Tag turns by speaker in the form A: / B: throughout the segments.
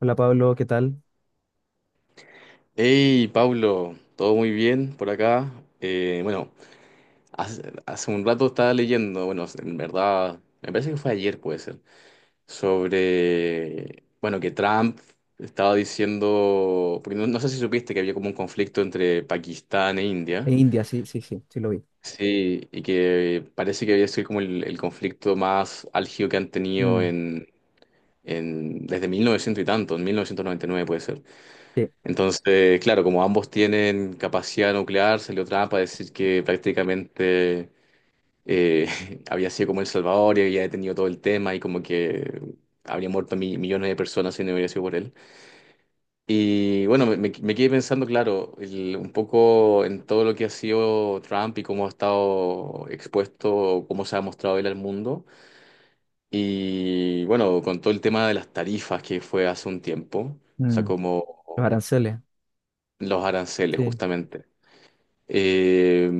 A: Hola Pablo, ¿qué tal?
B: Hey, Pablo, todo muy bien por acá. Eh, bueno, hace un rato estaba leyendo, bueno, en verdad, me parece que fue ayer, puede ser, sobre, bueno, que Trump estaba diciendo, porque no sé si supiste que había como un conflicto entre Pakistán e India,
A: En India, sí, sí, sí, sí lo vi.
B: sí, y que parece que había sido como el conflicto más álgido que han tenido
A: Mm.
B: desde 1900 y tanto, en 1999 puede ser.
A: Sí.
B: Entonces, claro, como ambos tienen capacidad nuclear, salió Trump a decir que prácticamente eh, había sido como El Salvador y había detenido todo el tema y como que habría muerto millones de personas si no hubiera sido por él. Y bueno, me quedé pensando, claro, un poco en todo lo que ha sido Trump y cómo ha estado expuesto, cómo se ha mostrado él al mundo. Y bueno, con todo el tema de las tarifas que fue hace un tiempo, o sea,
A: Mm.
B: como
A: Los aranceles.
B: los aranceles
A: Sí.
B: justamente. Eh,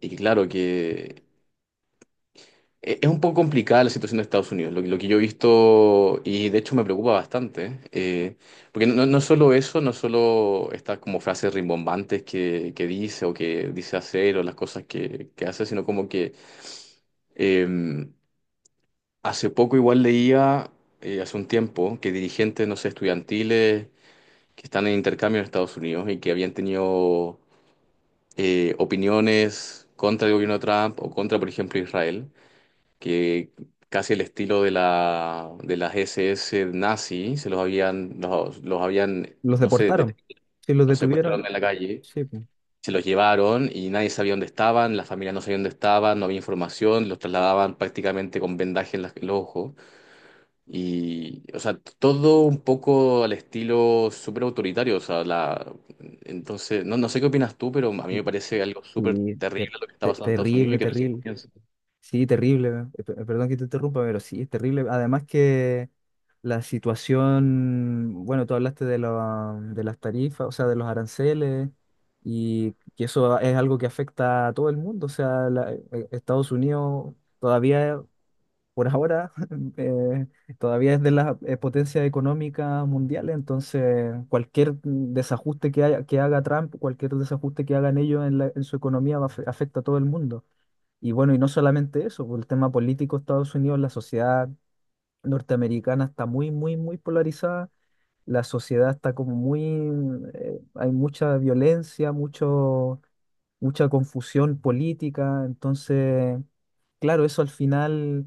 B: y claro que es un poco complicada la situación de Estados Unidos, lo que yo he visto y de hecho me preocupa bastante, porque no solo eso, no solo estas como frases rimbombantes que dice o que dice hacer o las cosas que hace, sino como que eh, hace poco igual leía, hace un tiempo, que dirigentes, no sé, estudiantiles que están en intercambio en Estados Unidos y que habían tenido opiniones contra el gobierno de Trump o contra, por ejemplo, Israel, que casi el estilo de de las SS nazi, se los habían, los habían,
A: Los
B: no sé,
A: deportaron, sí, los
B: los secuestraron
A: detuvieron,
B: en la calle,
A: sí, pues.
B: se los llevaron y nadie sabía dónde estaban, las familias no sabían dónde estaban, no había información, los trasladaban prácticamente con vendaje en, en los ojos. Y, o sea, todo un poco al estilo súper autoritario. O sea, la... Entonces, no, no sé qué opinas tú, pero a mí
A: Y-
B: me parece algo súper
A: y ter-
B: terrible lo que está
A: te-
B: pasando en Estados Unidos y
A: terrible,
B: que recién
A: terrible,
B: comienza.
A: sí, terrible. Perdón que te interrumpa, pero sí, es terrible. Además que la situación, bueno, tú hablaste de, la- de las tarifas, o sea, de los aranceles, y que eso es algo que afecta a todo el mundo. Estados Unidos todavía... Por ahora eh, todavía es de las potencias económicas mundiales, entonces cualquier desajuste que haya, que haga Trump, cualquier desajuste que hagan ellos en, la- en su economía afecta a todo el mundo. Y bueno, y no solamente eso, por el tema político, Estados Unidos, la sociedad norteamericana está muy, muy, muy polarizada, la sociedad está como muy, hay mucha violencia, mucho, mucha confusión política, entonces, claro, eso al final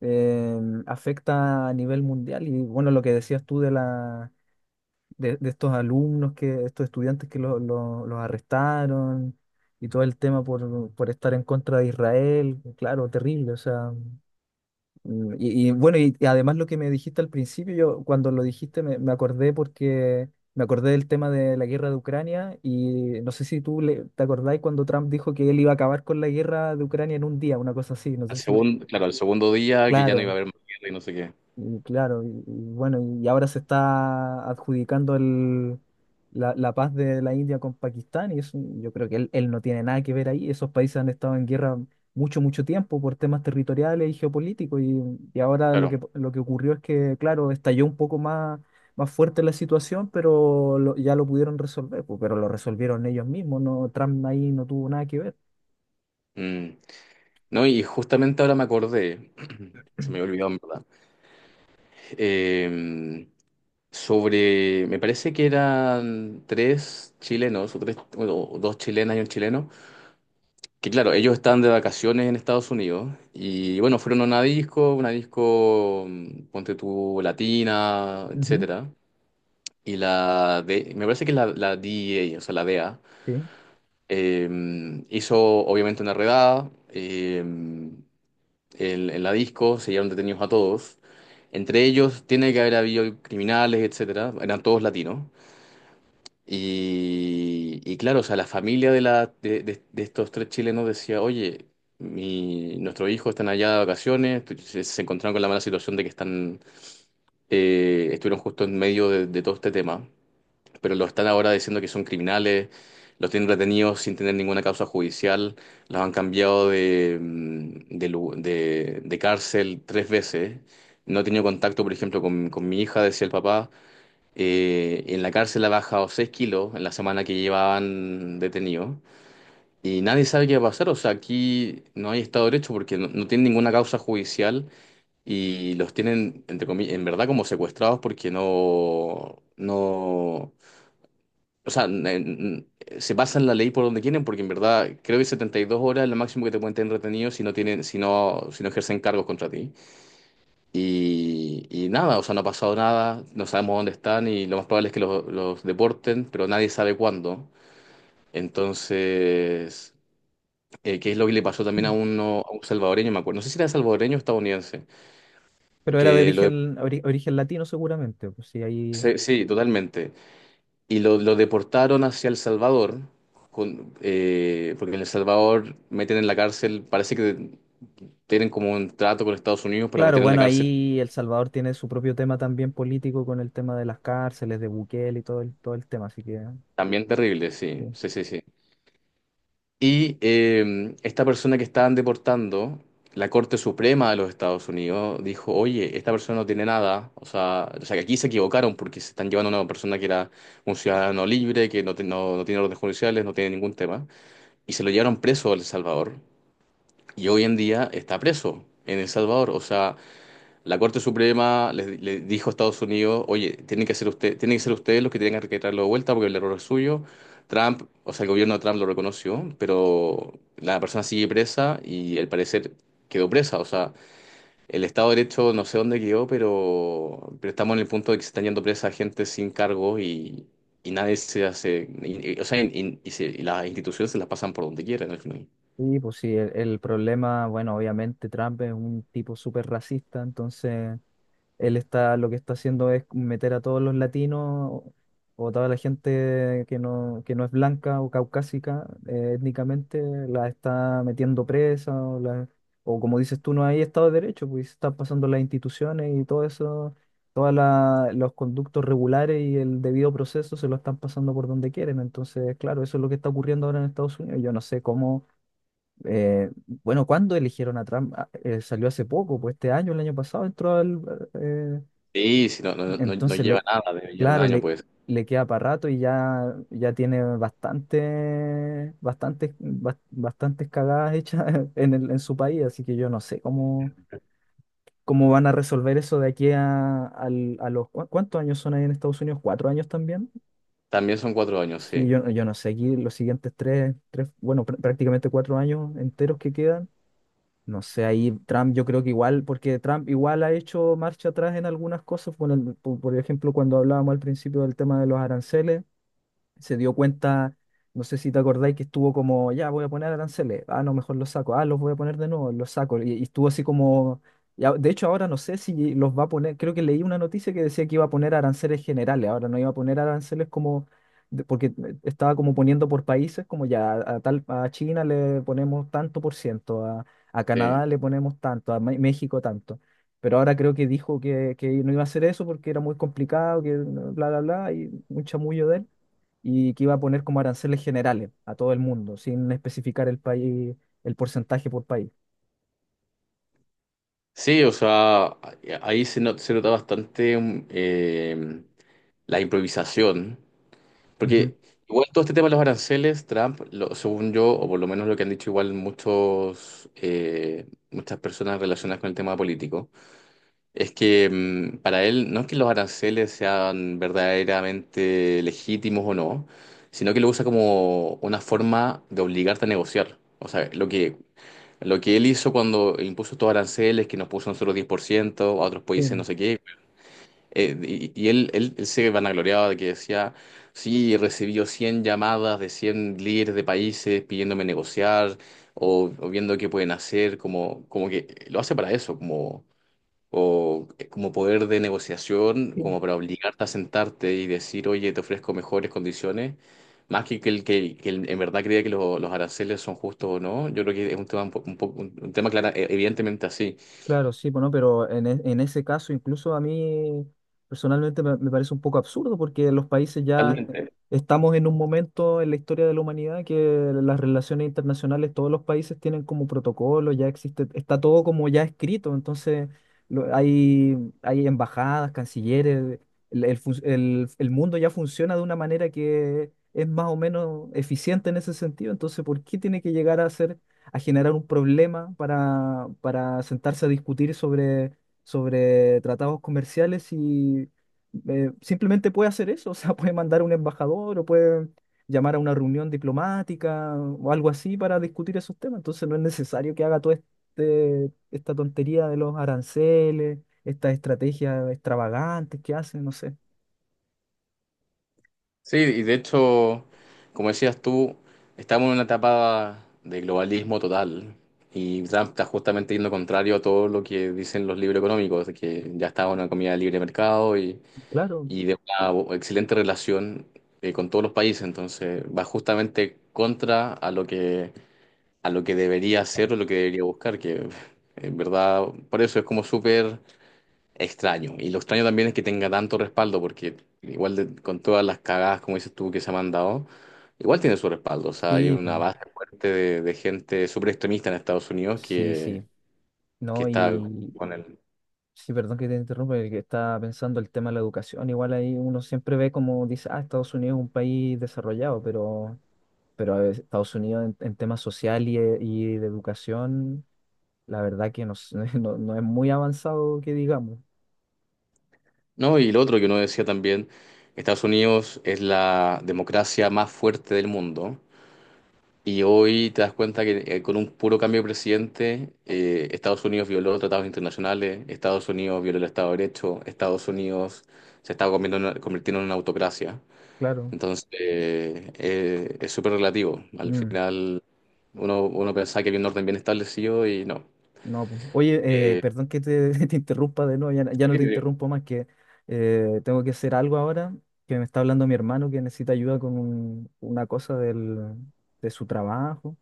A: eh, afecta a nivel mundial. Y bueno, lo que decías tú de de estos alumnos, que, estos estudiantes que los arrestaron y todo el tema por estar en contra de Israel, claro, terrible. O sea, mm, y bueno, y además lo que me dijiste al principio, yo cuando lo dijiste me, me acordé porque... Me acordé del tema de la guerra de Ucrania y no sé si tú te acordáis cuando Trump dijo que él iba a acabar con la guerra de Ucrania en un día, una cosa así, no
B: Al
A: sé si.
B: segundo, claro, al segundo día que ya no iba a
A: Claro.
B: haber más guerra y no sé qué.
A: Y claro, y bueno, y ahora se está adjudicando el, la paz de la India con Pakistán, y eso, yo creo que él no tiene nada que ver ahí. Esos países han estado en guerra mucho, mucho tiempo por temas territoriales y geopolíticos, y ahora
B: Claro.
A: lo que ocurrió es que, claro, estalló un poco más, más fuerte la situación, pero ya lo pudieron resolver, pues, pero lo resolvieron ellos mismos, no, Trump ahí no tuvo nada que ver.
B: Mm. No, y justamente ahora me acordé, se me había olvidado en verdad, eh, sobre, me parece que eran 3 chilenos, o tres, bueno, o dos chilenas y un chileno. Que claro, ellos están de vacaciones en Estados Unidos y bueno, fueron a una disco, mm, ponte tú, latina,
A: Ujú.
B: etcétera. Y la de, me parece que es la DEA, o sea, la DEA,
A: Sí.
B: eh, hizo obviamente una redada en la disco, se llevaron detenidos a todos. Entre ellos tiene que haber habido criminales, etcétera. Eran todos latinos. Y claro, o sea, la familia de, la, de estos 3 chilenos decía, oye, mi, nuestros hijos están allá de vacaciones, se encontraron con la mala situación de que están, estuvieron justo en medio de todo este tema, pero lo están ahora diciendo que son criminales, los tienen retenidos sin tener ninguna causa judicial, los han cambiado de, mm, de, lu- de cárcel 3 veces, no he tenido contacto, por ejemplo, con mi hija, decía el papá. En la cárcel ha bajado 6 kilos en la semana que llevaban detenido. Y nadie sabe qué va a pasar. O sea, aquí no hay Estado de Derecho porque no tienen ninguna causa judicial y los tienen, entre comillas, en verdad como secuestrados porque no, no, o sea, se pasan la ley por donde quieren porque en verdad creo que 72 horas es lo máximo que te pueden tener retenido si no tienen, si no ejercen cargos contra ti. Y nada, o sea, no ha pasado nada, no sabemos dónde están y lo más probable es que los deporten, pero nadie sabe cuándo. Entonces, ¿qué es lo que le pasó también a uno, a un salvadoreño? Me acuerdo, no sé si era salvadoreño o estadounidense,
A: Pero era de
B: que lo de-
A: origen, origen latino seguramente, pues sí, ahí.
B: sí, sí, totalmente. Y lo deportaron hacia El Salvador, porque en El Salvador meten en la cárcel, parece que tienen como un trato con Estados Unidos para
A: Claro,
B: meter en la
A: bueno,
B: cárcel,
A: ahí El Salvador tiene su propio tema también político con el tema de las cárceles, de Bukele y todo el tema, así que
B: también terrible, sí,
A: sí.
B: sí, sí, sí. Y esta persona que estaban deportando, la Corte Suprema de los Estados Unidos dijo, oye, esta persona no tiene nada, o sea que aquí se equivocaron porque se están llevando a una persona que era un ciudadano libre, que no tiene órdenes judiciales, no tiene ningún tema, y se lo llevaron preso a El Salvador, y hoy en día está preso en El Salvador, o sea... La Corte Suprema le dijo a Estados Unidos, oye, tienen que ser usted, tienen que ser ustedes los que tienen que traerlo de vuelta porque el error es suyo. Trump, o sea, el gobierno de Trump lo reconoció, pero la persona sigue presa y al parecer quedó presa. O sea, el Estado de Derecho no sé dónde quedó, pero estamos en el punto de que se están yendo presa gente sin cargo y nadie se hace, o sea, y las instituciones se las pasan por donde quieran al final.
A: Y pues sí, el problema, bueno, obviamente Trump es un tipo súper racista, entonces él está, lo que está haciendo es meter a todos los latinos o toda la gente que no es blanca o caucásica étnicamente, la está metiendo presa o o como dices tú, no hay Estado de Derecho, pues están pasando las instituciones y todo eso, todos los conductos regulares y el debido proceso se lo están pasando por donde quieren. Entonces, claro, eso es lo que está ocurriendo ahora en Estados Unidos. Yo no sé cómo... eh, bueno, ¿cuándo eligieron a Trump? Ah, salió hace poco, pues este año, el año pasado entró al, eh,
B: Sí, sí, no, no, no
A: entonces,
B: lleva
A: le,
B: nada, debe llevar un
A: claro,
B: año,
A: le,
B: pues.
A: le queda para rato. Y ya, ya tiene bastante, bastantes cagadas hechas en en su país, así que yo no sé cómo, cómo van a resolver eso de aquí a a los... Cuántos años son ahí en Estados Unidos? ¿Cuatro años también?
B: También son 4 años,
A: Sí,
B: sí.
A: yo no sé, aquí los siguientes tres, tres, bueno, prácticamente cuatro años enteros que quedan. No sé, ahí Trump yo creo que igual, porque Trump igual ha hecho marcha atrás en algunas cosas, por por ejemplo, cuando hablábamos al principio del tema de los aranceles, se dio cuenta, no sé si te acordáis que estuvo como, ya voy a poner aranceles, ah, no, mejor los saco, ah, los voy a poner de nuevo, los saco, y estuvo así como, y de hecho ahora no sé si los va a poner, creo que leí una noticia que decía que iba a poner aranceles generales, ahora no iba a poner aranceles como, porque estaba como poniendo por países, como ya a, tal, a China le ponemos tanto por ciento, a
B: Sí.
A: Canadá le ponemos tanto, a México tanto. Pero ahora creo que dijo que no iba a hacer eso porque era muy complicado, que bla, bla, bla, y un chamullo de él, y que iba a poner como aranceles generales a todo el mundo, sin especificar el país, el porcentaje por país.
B: Sí, o sea, ahí se, se nota bastante mm, la improvisación,
A: Ujú.
B: porque igual todo este tema de los aranceles, Trump, según yo, o por lo menos lo que han dicho igual muchos, muchas personas relacionadas con el tema político, es que mm, para él no es que los aranceles sean verdaderamente legítimos o no, sino que lo usa como una forma de obligarte a negociar. O sea, lo que él hizo cuando impuso estos aranceles, que nos puso a nosotros 10%, a otros países no sé qué, y él se vanagloriaba de que decía, sí, recibió 100 llamadas de 100 líderes de países pidiéndome negociar o viendo qué pueden hacer, como, como que lo hace para eso, como, o como poder de negociación,
A: Sí.
B: como para obligarte a sentarte y decir, oye, te ofrezco mejores condiciones, más que que en verdad crea que los aranceles son justos o no, yo creo que es un tema un tema evidentemente así.
A: Claro, sí, bueno, pero en, en ese caso incluso a mí personalmente me, me parece un poco absurdo porque los países ya
B: Totalmente.
A: estamos en un momento en la historia de la humanidad que las relaciones internacionales, todos los países tienen como protocolo, ya existe, está todo como ya escrito, entonces hay, hay embajadas, cancilleres, el, el mundo ya funciona de una manera que es más o menos eficiente en ese sentido, entonces ¿por qué tiene que llegar a ser a generar un problema para sentarse a discutir sobre, sobre tratados comerciales y simplemente puede hacer eso? O sea, puede mandar a un embajador o puede llamar a una reunión diplomática o algo así para discutir esos temas. Entonces no es necesario que haga toda este, esta tontería de los aranceles, estas estrategias extravagantes que hacen, no sé.
B: Sí, y de hecho, como decías tú, estamos en una etapa de globalismo total. Y Trump está justamente yendo contrario a todo lo que dicen los libros económicos, de que ya está una comida de libre de mercado
A: Claro,
B: y de una excelente relación con todos los países, entonces va justamente contra a lo que debería hacer o lo que debería buscar, que en verdad por eso es como súper extraño. Y lo extraño también es que tenga tanto respaldo, porque igual con todas las cagadas, como dices tú, que se ha mandado, igual tiene su respaldo, o sea, hay
A: sí,
B: una
A: pues,
B: base fuerte de gente súper extremista en Estados Unidos
A: sí, sí.
B: que
A: No,
B: está...
A: y,
B: con.
A: sí, perdón que te interrumpa, que estaba pensando el tema de la educación. Igual ahí uno siempre ve como dice, ah, Estados Unidos es un país desarrollado, pero a ver, Estados Unidos en temas social y, y de educación, la verdad que no, no, no es muy avanzado que digamos,
B: No, y lo otro que uno decía también, Estados Unidos es la democracia más fuerte del mundo y hoy te das cuenta que con un puro cambio de presidente, Estados Unidos violó tratados internacionales, Estados Unidos violó el Estado de Derecho, Estados Unidos se está convirtiendo en una autocracia.
A: claro.
B: Entonces, es súper relativo. Al
A: Mm.
B: final, uno pensaba que había un orden bien establecido y no.
A: No, pues, oye,
B: Eh,
A: perdón que te te interrumpa de nuevo, ya, no, ya no te interrumpo más, que tengo que hacer algo ahora, que me está hablando mi hermano que necesita ayuda con una cosa del, de su trabajo,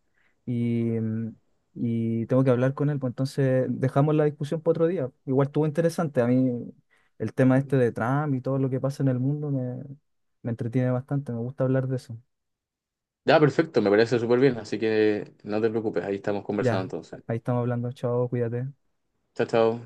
A: y, mm, y tengo que hablar con él, pues entonces dejamos la discusión para otro día. Igual estuvo interesante, a mí el tema este de Trump y todo lo que pasa en el mundo me, me entretiene bastante, me gusta hablar de eso.
B: ya, perfecto, me parece súper bien, así que no te preocupes, ahí estamos conversando
A: Ya,
B: entonces.
A: ahí estamos hablando, chao, cuídate.
B: Chao, chao.